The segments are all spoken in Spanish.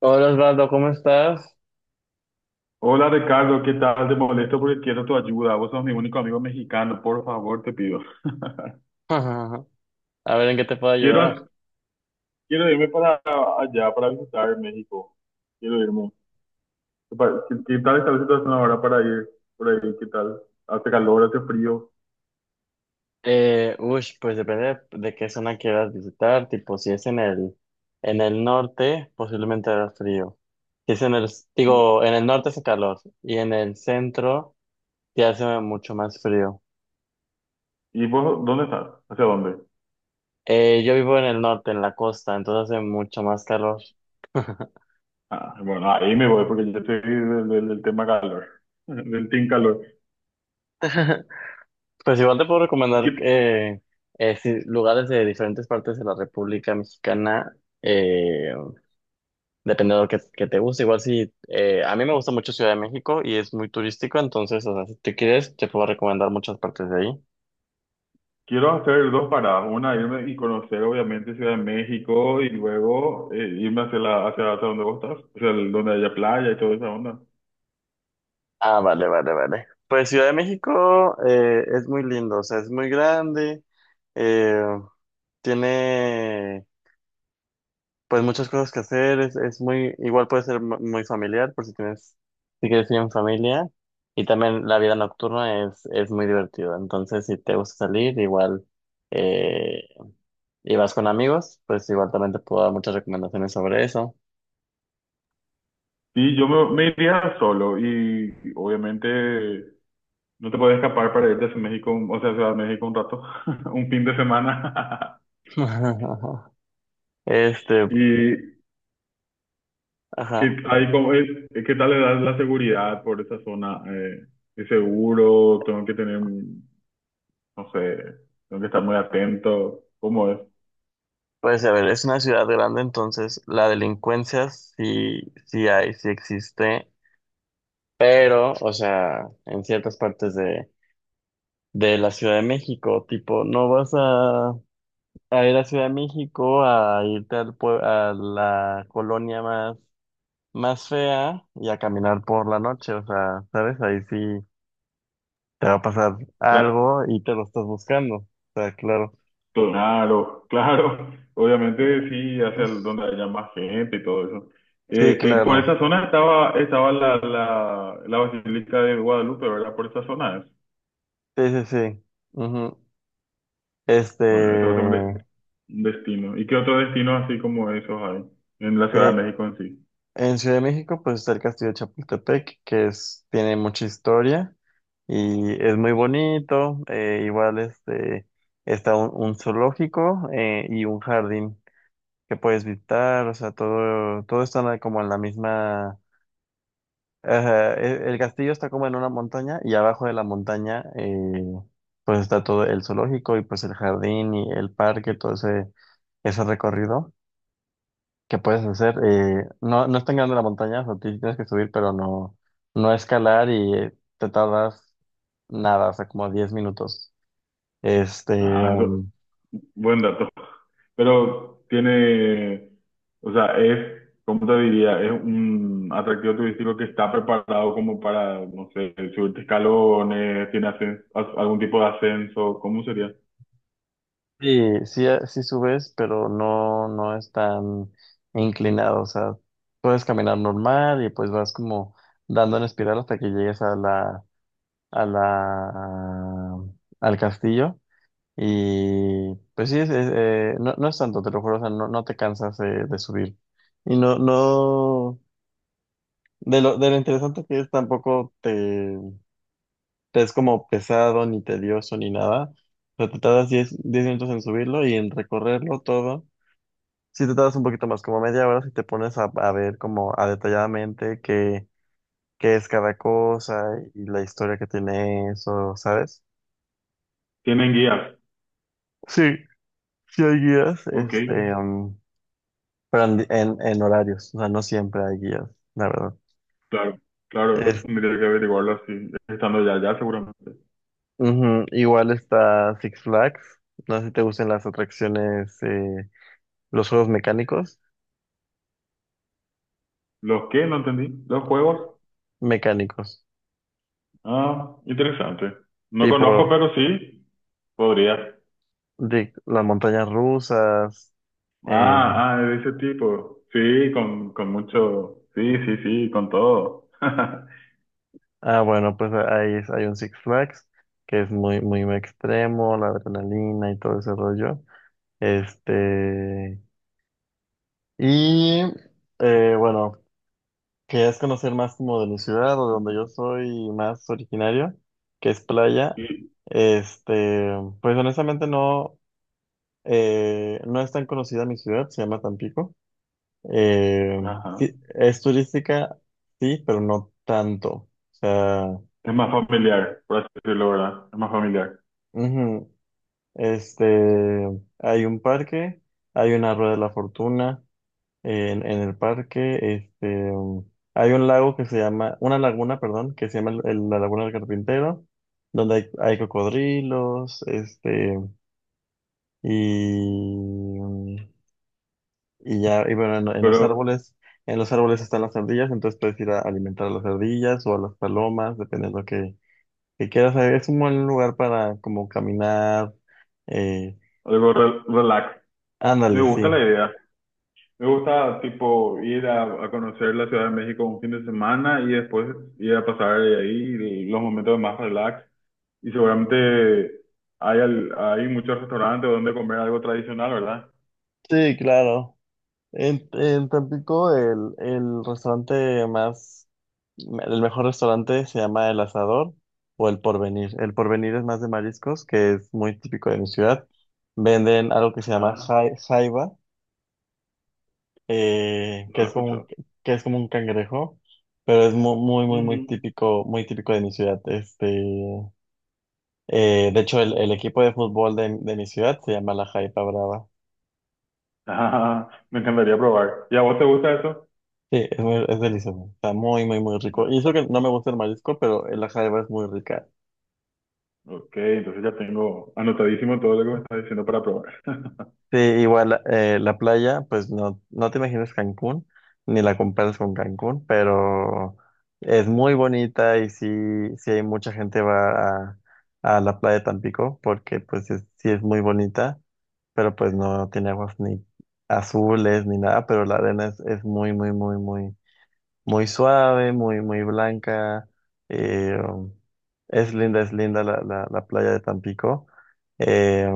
Hola Osvaldo, ¿cómo estás? Hola Ricardo, ¿qué tal? Te molesto porque quiero tu ayuda. Vos sos mi único amigo mexicano, por favor, te pido. A ver, ¿en qué te puedo ayudar? Quiero, quiero irme para allá, para visitar México. Quiero irme. ¿Qué, qué tal está la situación ahora para ir? Por ahí, ¿qué tal? Hace calor, hace frío. Uy, pues depende de qué zona quieras visitar, tipo si es en el norte, posiblemente hará frío. Si es en el, ¿Y, digo, en el norte hace calor y en el centro ya hace mucho más frío. Vos dónde estás? ¿Hacia dónde? Yo vivo en el norte, en la costa, entonces hace mucho más calor. Ah, bueno, ahí me voy porque yo estoy del tema calor, del team calor. Pues igual te puedo ¿Y qué, recomendar sí, lugares de diferentes partes de la República Mexicana. eh, Dependiendo de lo que te guste. Igual si a mí me gusta mucho Ciudad de México y es muy turístico, entonces, o sea, si te quieres, te puedo recomendar muchas partes de ahí. Quiero hacer dos paradas, una irme y conocer obviamente Ciudad de México y luego irme hacia hacia donde vos estás, donde haya playa y toda esa onda. Ah, vale, vale, vale. Pues Ciudad de México es muy lindo, o sea, es muy grande, eh, tiene pues muchas cosas que hacer, es muy, igual puede ser muy familiar por si tienes, si quieres ir en familia. Y también la vida nocturna es muy divertida, entonces si te gusta salir, igual. eh, y vas con amigos, pues igual también te puedo dar muchas recomendaciones sobre eso. Sí, yo me iría solo y, obviamente no te puedes escapar para irte a México, o sea, a Ciudad de México un rato, un fin de semana. Este, Y que ajá. hay como es, ¿qué tal le das la seguridad por esa zona? ¿Es seguro? Tengo que tener, no sé, tengo que estar muy atento. ¿Cómo es? Pues a ver, es una ciudad grande, entonces la delincuencia sí hay, sí existe, pero, o sea, en ciertas partes de la Ciudad de México, tipo, no vas a ir a Ciudad de México a irte al a la colonia más fea y a caminar por la noche, o sea, ¿sabes? Ahí sí te va a pasar algo y te lo estás buscando. O sea, claro. Claro, claro. Obviamente sí, donde haya más gente y todo eso. Sí, Por claro. esa zona estaba la Basílica de Guadalupe, ¿verdad? Por esa zona es. Sí, sí, sí. Ujú. Este, Bueno, eso es un, un destino. ¿Y qué otro destino así como esos hay en la Ciudad eh, de México en sí? en Ciudad de México, pues está el Castillo de Chapultepec, tiene mucha historia y es muy bonito. Igual, está un zoológico y un jardín que puedes visitar. O sea, todo está en como en la misma. Ajá, el castillo está como en una montaña y abajo de la montaña pues está todo el zoológico y pues el jardín y el parque, ese recorrido que puedes hacer. No, no es tan grande la montaña, o sea, tienes que subir, pero no, no escalar y te tardas nada, o sea, como 10 minutos. Este, Ah, eso, buen dato. Pero tiene, o sea, es, ¿cómo te diría? Es un atractivo turístico que está preparado como para, no sé, subirte escalones, tiene algún tipo de ascenso, ¿cómo sería? Sí, sí, sí subes, pero no, no es tan inclinado. O sea, puedes caminar normal y pues vas como dando en espiral hasta que llegues a la, al castillo. Y pues sí, no, no es tanto, te lo juro, o sea, no, no te cansas de subir. Y no, no, de lo interesante que es, tampoco te es como pesado, ni tedioso, ni nada. O sea, te tardas 10 minutos en subirlo y en recorrerlo todo. Si te tardas un poquito más, como media hora, si te pones a ver como a detalladamente qué es cada cosa y la historia que tiene eso, ¿sabes? Tienen guías. Sí, sí hay guías, Ok, pero en horarios, o sea, no siempre hay guías, la verdad. claro, claro, eso Es, tendría que averiguarlo así, estando ya, ya seguramente. ujú. Igual está Six Flags, no sé si te gustan las atracciones, los juegos mecánicos, ¿Los qué? No entendí. ¿Los juegos? mecánicos, Ah, interesante. No conozco, tipo pero sí, podría. de las montañas rusas. eh, Ah, ah, de ese tipo. Sí, con mucho. Sí, sí, sí, con todo. Ah, bueno, pues hay un Six Flags que es muy, muy extremo, la adrenalina y todo ese rollo. Este, y bueno, querías conocer más como de mi ciudad o de donde yo soy más originario, que es Playa. Y, Este, pues honestamente no, no es tan conocida mi ciudad, se llama Tampico. Eh, ajá. sí, es turística, sí, pero no tanto. O sea, Es más familiar, por así decirlo, ¿verdad? Es más familiar. ujú. Este, Hay un parque, hay una rueda de la fortuna en el parque, hay un lago que se llama, una laguna, perdón, que se llama la Laguna del Carpintero, donde hay cocodrilos, y, um, y ya, y bueno, en los Pero árboles, están las ardillas, entonces puedes ir a alimentar a las ardillas o a las palomas, depende de lo que quieras. Es un buen lugar para como caminar, eh, algo relax. Me ándale, gusta la sí. idea. Me gusta, tipo, ir a conocer la Ciudad de México un fin de semana y después ir a pasar de ahí los momentos más relax. Y seguramente hay, hay muchos restaurantes donde comer algo tradicional, ¿verdad? Sí, claro. En Tampico el mejor restaurante se llama El Asador o El Porvenir. El Porvenir es más de mariscos, que es muy típico de mi ciudad. Venden algo que se llama Ah, jaiba, que no lo es como un, escuchó. que es como un cangrejo, pero es muy, muy típico de mi ciudad. De hecho, el equipo de fútbol de mi ciudad se llama la Jaipa Brava. Ah, me encantaría probar. ¿Y a vos te gusta eso? Sí, es delicioso. Está muy, muy, muy rico. Ah, Y eso que no me gusta el marisco, pero la jaiba es muy rica. ok, entonces ya tengo anotadísimo todo lo que me estás diciendo para probar. Sí, igual la playa, pues no, no te imaginas Cancún, ni la comparas con Cancún, pero es muy bonita y sí, sí hay mucha gente va a la playa de Tampico, porque pues sí es muy bonita, pero pues no tiene aguas ni azules ni nada, pero la arena es muy, muy, muy, muy muy suave, muy, muy blanca. eh, es linda, es linda la playa de Tampico. eh,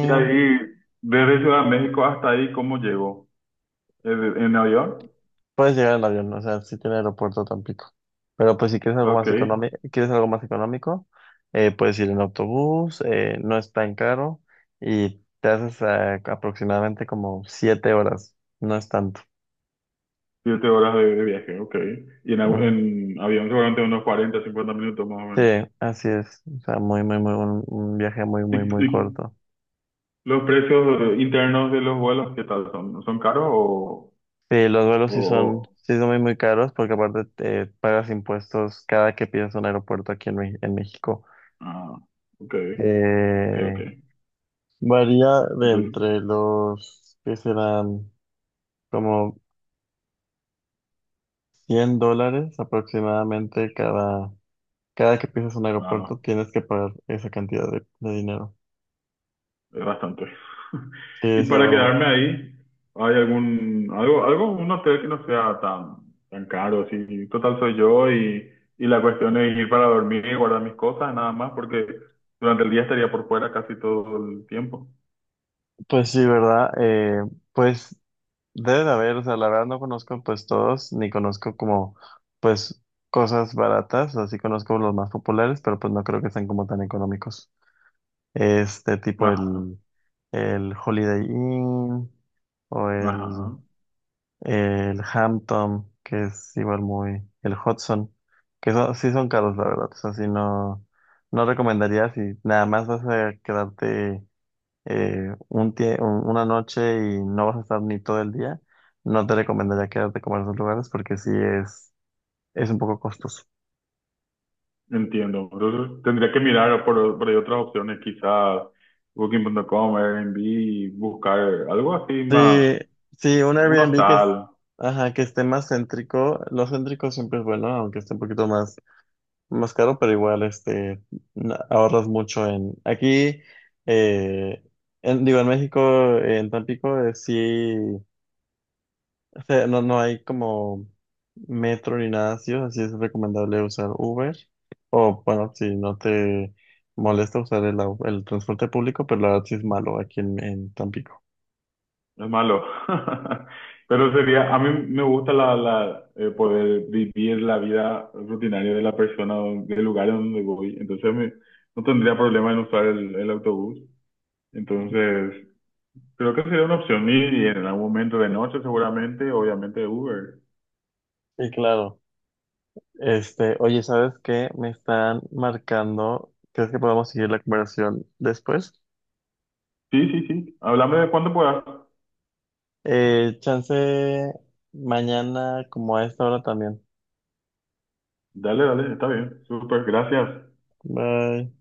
Y ahí, desde Ciudad de México hasta ahí, ¿cómo llego? En avión? puedes llegar en avión, o sea, sí tiene aeropuerto Tampico. Pero pues si quieres algo Ok, más económico, quieres algo más económico, puedes ir en autobús, no es tan caro y te haces aproximadamente como 7 horas, no es tanto. siete horas de viaje, ok. Y en, Ujú. en avión seguramente unos 40 50 minutos más o Sí, menos. así es. O sea, muy, muy, muy, un viaje muy, ¿Y, muy, muy y corto. los precios internos de los vuelos, qué tal son? ¿Son caros o...? Sí, los vuelos o, o- sí son muy, muy caros porque aparte pagas impuestos cada que pides un aeropuerto aquí en México. ah, ok, ok. Eh, Varía de Entonces, entre los que serán como $100 aproximadamente cada que pisas un ah, aeropuerto tienes que pagar esa cantidad de dinero. es bastante. Sí, Y es para algo, quedarme ahí, ¿hay algún, algo, un hotel que no sea tan, tan caro? Sí, total soy yo y la cuestión es ir para dormir y guardar mis cosas, nada más, porque durante el día estaría por fuera casi todo el tiempo. pues sí, ¿verdad? Pues Debe de haber, o sea, la verdad no conozco pues todos, ni conozco como pues cosas baratas, así conozco los más populares, pero pues no creo que sean como tan económicos. Tipo Ajá, el Holiday Inn o ¿no? Ajá, el, ¿no? el Hampton, que es igual muy, el Hudson, sí son caros, la verdad, o sea, sí no, no recomendaría si nada más vas a quedarte un una noche y no vas a estar ni todo el día, no te recomendaría quedarte como en esos lugares porque sí es un poco costoso. Entiendo. Entonces tendría que mirar por ahí otras opciones, quizás Booking.com, Airbnb, buscar algo así más, Sí, sí, un un Airbnb hostal, ajá, que esté más céntrico, lo céntrico siempre es bueno, aunque esté un poquito más caro, pero igual ahorras mucho en... Aquí, eh, en, digo, en México, en Tampico, sí. O sea, no, no hay como metro ni nada así, así es recomendable usar Uber. O bueno, si no te molesta usar el transporte público, pero la verdad sí es malo aquí en Tampico. no es malo. Pero sería, a mí me gusta poder vivir la vida rutinaria de la persona, del lugar donde voy. Entonces no tendría problema en usar el autobús. Entonces creo que sería una opción. Y en algún momento de noche seguramente, obviamente Uber. Y claro, oye, ¿sabes qué? Me están marcando. ¿Crees que podamos seguir la conversación después? Sí, sí, sí. Háblame de cuándo puedas. Chance mañana como a esta hora también. Dale, dale, está bien. Súper, gracias. Bye.